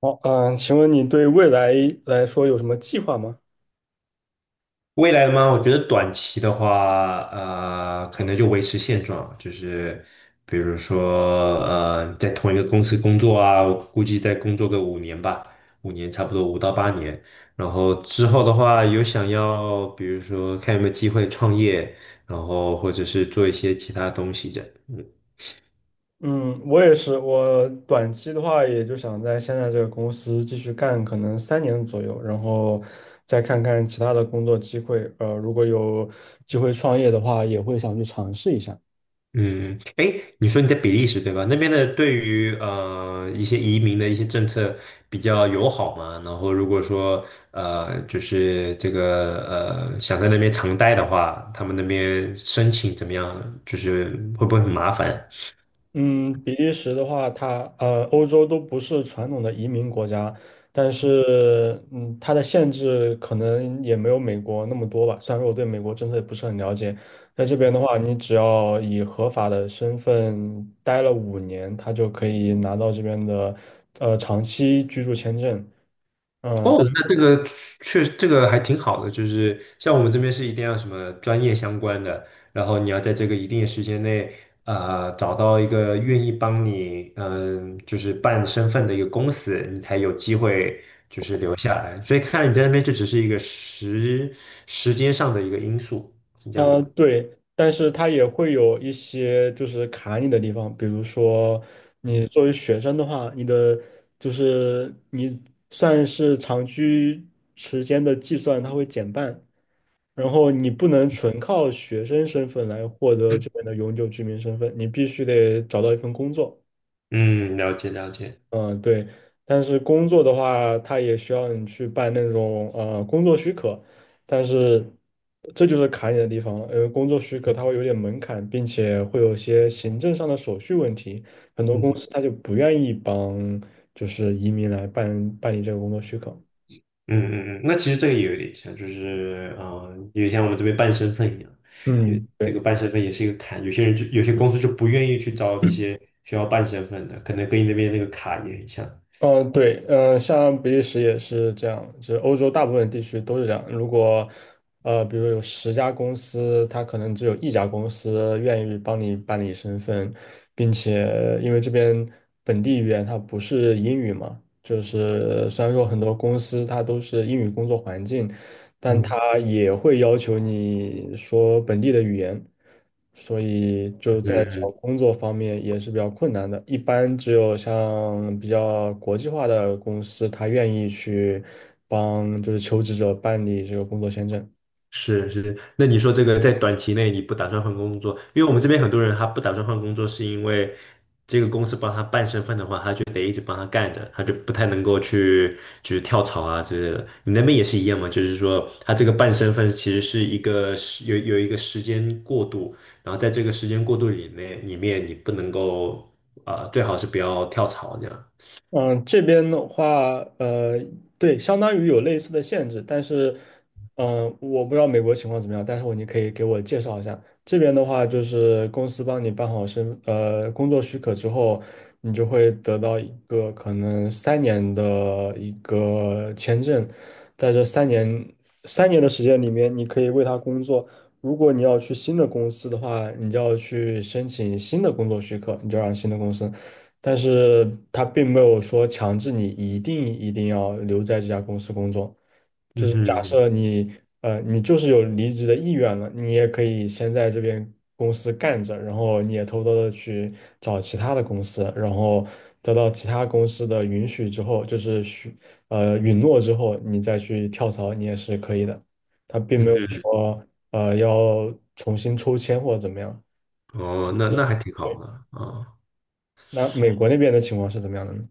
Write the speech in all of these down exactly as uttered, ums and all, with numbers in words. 好，嗯，请问你对未来来说有什么计划吗？未来的吗？我觉得短期的话，呃，可能就维持现状，就是比如说，呃，在同一个公司工作啊，我估计再工作个五年吧，五年差不多五到八年。然后之后的话，有想要，比如说看有没有机会创业，然后或者是做一些其他东西的。嗯嗯，我也是，我短期的话，也就想在现在这个公司继续干，可能三年左右，然后再看看其他的工作机会。呃，如果有机会创业的话，也会想去尝试一下。嗯，哎，你说你在比利时对吧？那边的对于呃一些移民的一些政策比较友好嘛？然后如果说呃就是这个呃想在那边长待的话，他们那边申请怎么样？就是会不会很麻烦？嗯，比利时的话，它呃，欧洲都不是传统的移民国家，但是嗯，它的限制可能也没有美国那么多吧。虽然说我对美国政策也不是很了解，在这边的话，你只要以合法的身份待了五年，他就可以拿到这边的呃长期居住签证。嗯、哦，那这个确这个还挺好的，就是像我们这边是一定要什么专业相关的，然后你要在这个一定的时间内，呃，找到一个愿意帮你，嗯、就是办身份的一个公司，你才有机会就是留下来。所以看来你在那边就只是一个时时间上的一个因素，是这嗯样的呃，吗？对，但是它也会有一些就是卡你的地方，比如说你作为学生的话，你的就是你算是长居时间的计算，它会减半，然后你不能纯靠学生身份来获得这边的永久居民身份，你必须得找到一份工作。嗯，了解了解，嗯，对，但是工作的话，它也需要你去办那种呃工作许可，但是这就是卡你的地方了，因为工作许可它会有点门槛，并且会有些行政上的手续问题，很多公嗯司他就不愿意帮就是移民来办办理这个工作许可。嗯嗯嗯，那其实这个也有点像，就是嗯、呃，有点像我们这边办身份一样，因为嗯。这对。个办身份也是一个坎，有些人就有些公司就不愿意去招这些需要办身份的，可能跟你那边那个卡也很像。嗯，对，嗯，像比利时也是这样，就是欧洲大部分地区都是这样。如果呃，比如有十家公司，它可能只有一家公司愿意帮你办理身份，并且因为这边本地语言它不是英语嘛，就是虽然说很多公司它都是英语工作环境，但嗯他也会要求你说本地的语言，所以就嗯在找嗯工作方面也是比较困难的。一般只有像比较国际化的公司，他愿意去帮就是求职者办理这个工作签证。是是，那你说这个在短期内你不打算换工作，因为我们这边很多人他不打算换工作，是因为这个公司帮他办身份的话，他就得一直帮他干着，他就不太能够去就是跳槽啊之类的。你那边也是一样吗？就是说他这个办身份其实是一个时有有一个时间过渡，然后在这个时间过渡里面里面你不能够啊、呃最好是不要跳槽这样。嗯，这边的话，呃，对，相当于有类似的限制，但是，嗯、我不知道美国情况怎么样，但是我你可以给我介绍一下。这边的话，就是公司帮你办好身，呃，工作许可之后，你就会得到一个可能三年的一个签证，在这三年三年的时间里面，你可以为他工作。如果你要去新的公司的话，你就要去申请新的工作许可，你就让新的公司。但是他并没有说强制你一定一定要留在这家公司工作。嗯就是假哼设你呃你就是有离职的意愿了，你也可以先在这边公司干着，然后你也偷偷的去找其他的公司，然后得到其他公司的允许之后，就是许呃允诺之后，你再去跳槽，你也是可以的。他并没有嗯说呃要重新抽签或者怎么样。哼，哦，那那还挺好的啊。那美国那边的情况是怎么样的呢？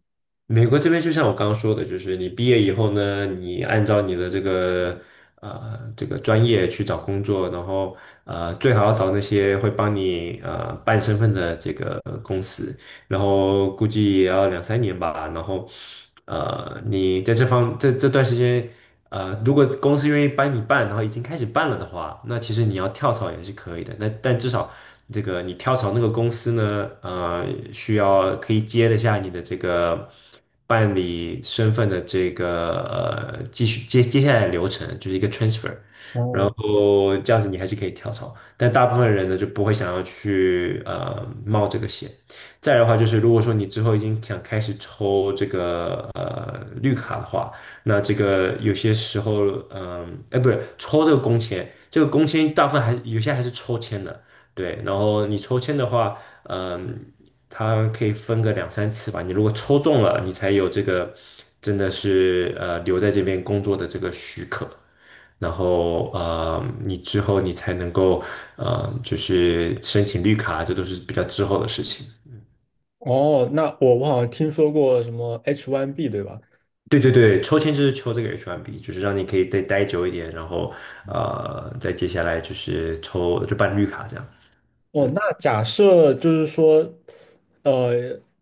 美国这边就像我刚刚说的，就是你毕业以后呢，你按照你的这个呃这个专业去找工作，然后呃最好要找那些会帮你呃办身份的这个公司，然后估计也要两三年吧。然后，呃，你在这方这这段时间，呃，如果公司愿意帮你办，然后已经开始办了的话，那其实你要跳槽也是可以的。那但至少这个你跳槽那个公司呢，呃，需要可以接得下你的这个办理身份的这个呃继续接接下来的流程，就是一个 transfer。然哦。后这样子你还是可以跳槽，但大部分人呢就不会想要去呃冒这个险。再来的话就是，如果说你之后已经想开始抽这个绿卡的话，那这个有些时候，嗯，哎，不是抽这个工签，这个工签大部分还是有些还是抽签的，对。然后你抽签的话，嗯，它可以分个两三次吧。你如果抽中了，你才有这个真的是呃留在这边工作的这个许可。然后呃，你之后你才能够呃，就是申请绿卡，这都是比较之后的事情。哦，那我我好像听说过什么 H 一 B 对吧？对对对，抽签就是抽这个 H 一 B，就是让你可以再待久一点，然后呃，再接下来就是抽就办绿卡这样。哦，嗯，那假设就是说，呃，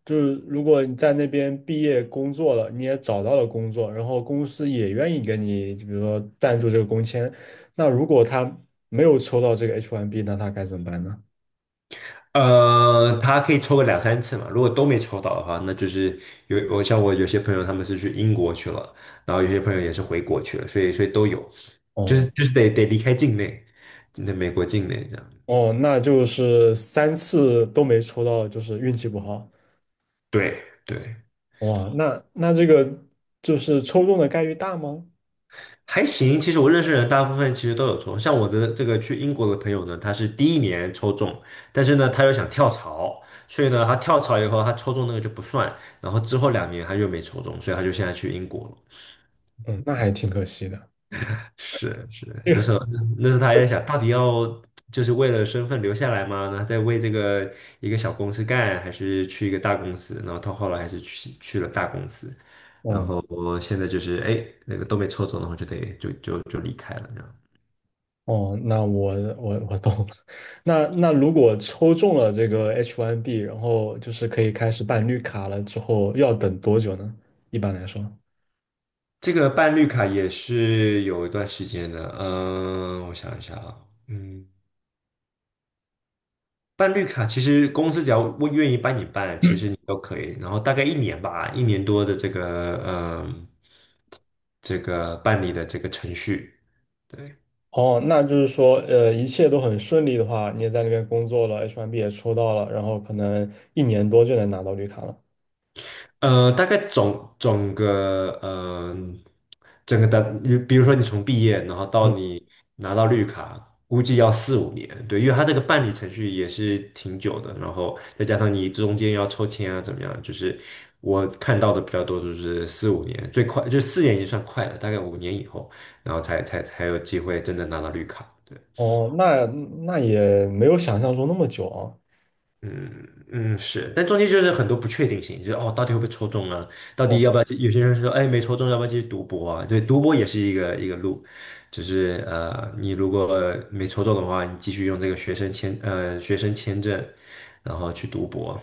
就是如果你在那边毕业工作了，你也找到了工作，然后公司也愿意给你，就比如说赞助这个工签，那如果他没有抽到这个 H 一 B，那他该怎么办呢？呃，他可以抽个两三次嘛，如果都没抽到的话，那就是有我像我有些朋友他们是去英国去了，然后有些朋友也是回国去了，所以所以都有，就是哦就是得得离开境内，那美国境内这样。哦，那就是三次都没抽到，就是运气不好。对对。哇，那那这个就是抽中的概率大吗？还行，其实我认识人大部分其实都有抽，像我的这个去英国的朋友呢，他是第一年抽中，但是呢，他又想跳槽，所以呢，他跳槽以后，他抽中那个就不算，然后之后两年他又没抽中，所以他就现在去英国了。嗯，那还挺可惜的。是是，那时候那时候他还在想，到底要就是为了身份留下来吗？那在为这个一个小公司干，还是去一个大公司？然后他后来还是去去了大公司，然哦。后现在就是哎，那个都没抽中，然后就得就就就离开了这样。哦，那我我我懂了。那那如果抽中了这个 H 一 B，然后就是可以开始办绿卡了之后，要等多久呢？一般来说，这个办绿卡也是有一段时间的，嗯，我想一下啊，嗯，办绿卡其实公司只要我愿意帮你办，其实你都可以，然后大概一年吧，一年多的这个，嗯，这个办理的这个程序，对。哦，那就是说，呃，一切都很顺利的话，你也在那边工作了，H 一 B 也抽到了，然后可能一年多就能拿到绿卡了。呃，大概总总个呃，整个的，比如说你从毕业，然后嗯，到你拿到绿卡，估计要四五年，对，因为它这个办理程序也是挺久的，然后再加上你中间要抽签啊，怎么样，就是我看到的比较多就是四五年，最快就四年已经算快了，大概五年以后，然后才才才有机会真的拿到绿卡。对。哦，那那也没有想象中那么久啊。嗯嗯是，但中间就是很多不确定性，就是哦，到底会不会抽中啊？到底要不哦。要？有些人说，哎，没抽中，要不要继续读博啊？对，读博也是一个一个路，就是呃，你如果没抽中的话，你继续用这个学生签呃学生签证，然后去读博，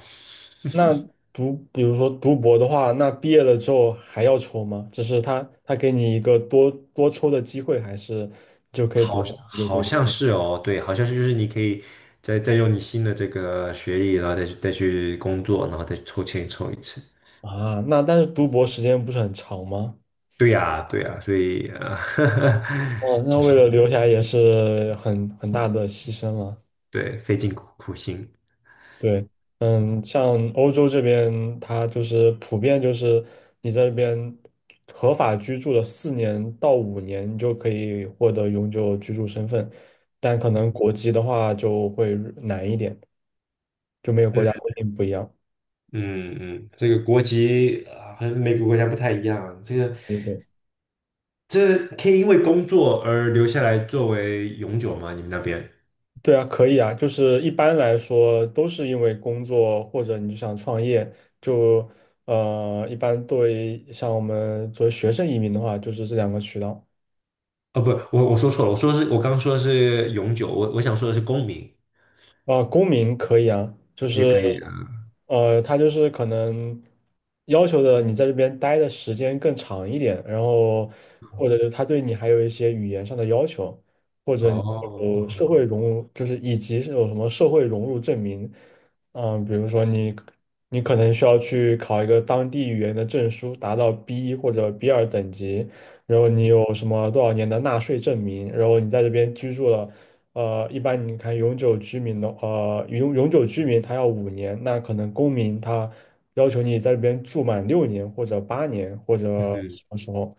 那读，比如说读博的话，那毕业了之后还要抽吗？就是他他给你一个多多抽的机会，还是就可以多好就可好以留像下是哦，对，好像是就是你可以再再用你新的这个学历，然后再去再去工作，然后再抽签抽一次。啊？那但是读博时间不是很长吗？对呀，对呀，所以啊呃 哦，那为了留下来也是很很大的牺牲了。对，费尽苦苦心。对，嗯，像欧洲这边，它就是普遍就是你在这边合法居住了四年到五年，你就可以获得永久居住身份，但可能国籍的话就会难一点，就每个国家嗯规定不一样。嗯嗯，这个国籍啊，和美国国家不太一样。这个对对。这可以因为工作而留下来作为永久吗？你们那边？对啊，可以啊，就是一般来说都是因为工作或者你就想创业，就呃，一般对，像我们作为学生移民的话，就是这两个渠道。哦，不，我我说错了，我说是我刚说的是永久，我我想说的是公民啊，公民可以啊，就也是可以。嗯呃，他就是可能要求的你在这边待的时间更长一点，然后或者是他对你还有一些语言上的要求，或者你哦，有社会融入，就是以及是有什么社会融入证明，嗯、比如说你你可能需要去考一个当地语言的证书，达到 B 一 或者 b 二等级，然后你有什么多少年的纳税证明，然后你在这边居住了。呃，一般你看永久居民的，呃，永永久居民他要五年，那可能公民他要求你在这边住满六年或者八年或者嗯嗯什么时候，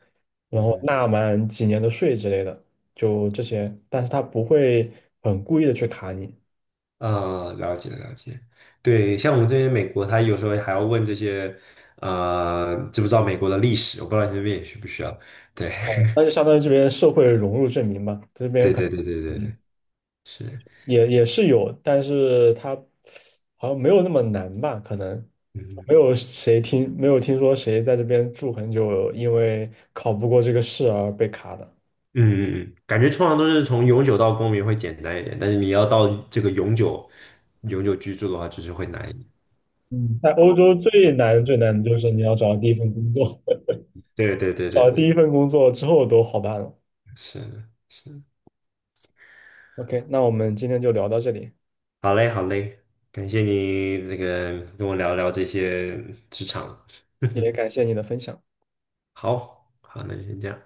嗯然后嗯，纳满几年的税之类的，就这些，但是他不会很故意的去卡你，呃，了解了解。对，像我们这边美国，他有时候还要问这些，呃，知不知道美国的历史？我不知道你那边也需不需要。对哦，那就相当于这边社会融入证明吧，这边对可对能。对对对，是。也也是有，但是它好像没有那么难吧？可能嗯。没有谁听，没有听说谁在这边住很久，因为考不过这个试而被卡的。嗯嗯嗯，感觉通常都是从永久到公民会简单一点，但是你要到这个永久永久居住的话，就是会难一点。嗯，在欧洲最难最难的就是你要找到第一份工作，对对对找对到第对，一份工作之后都好办了。是的是的。 OK，那我们今天就聊到这里，好嘞好嘞，感谢你这个跟我聊聊这些职场。也 感谢你的分享。好好，那就先这样。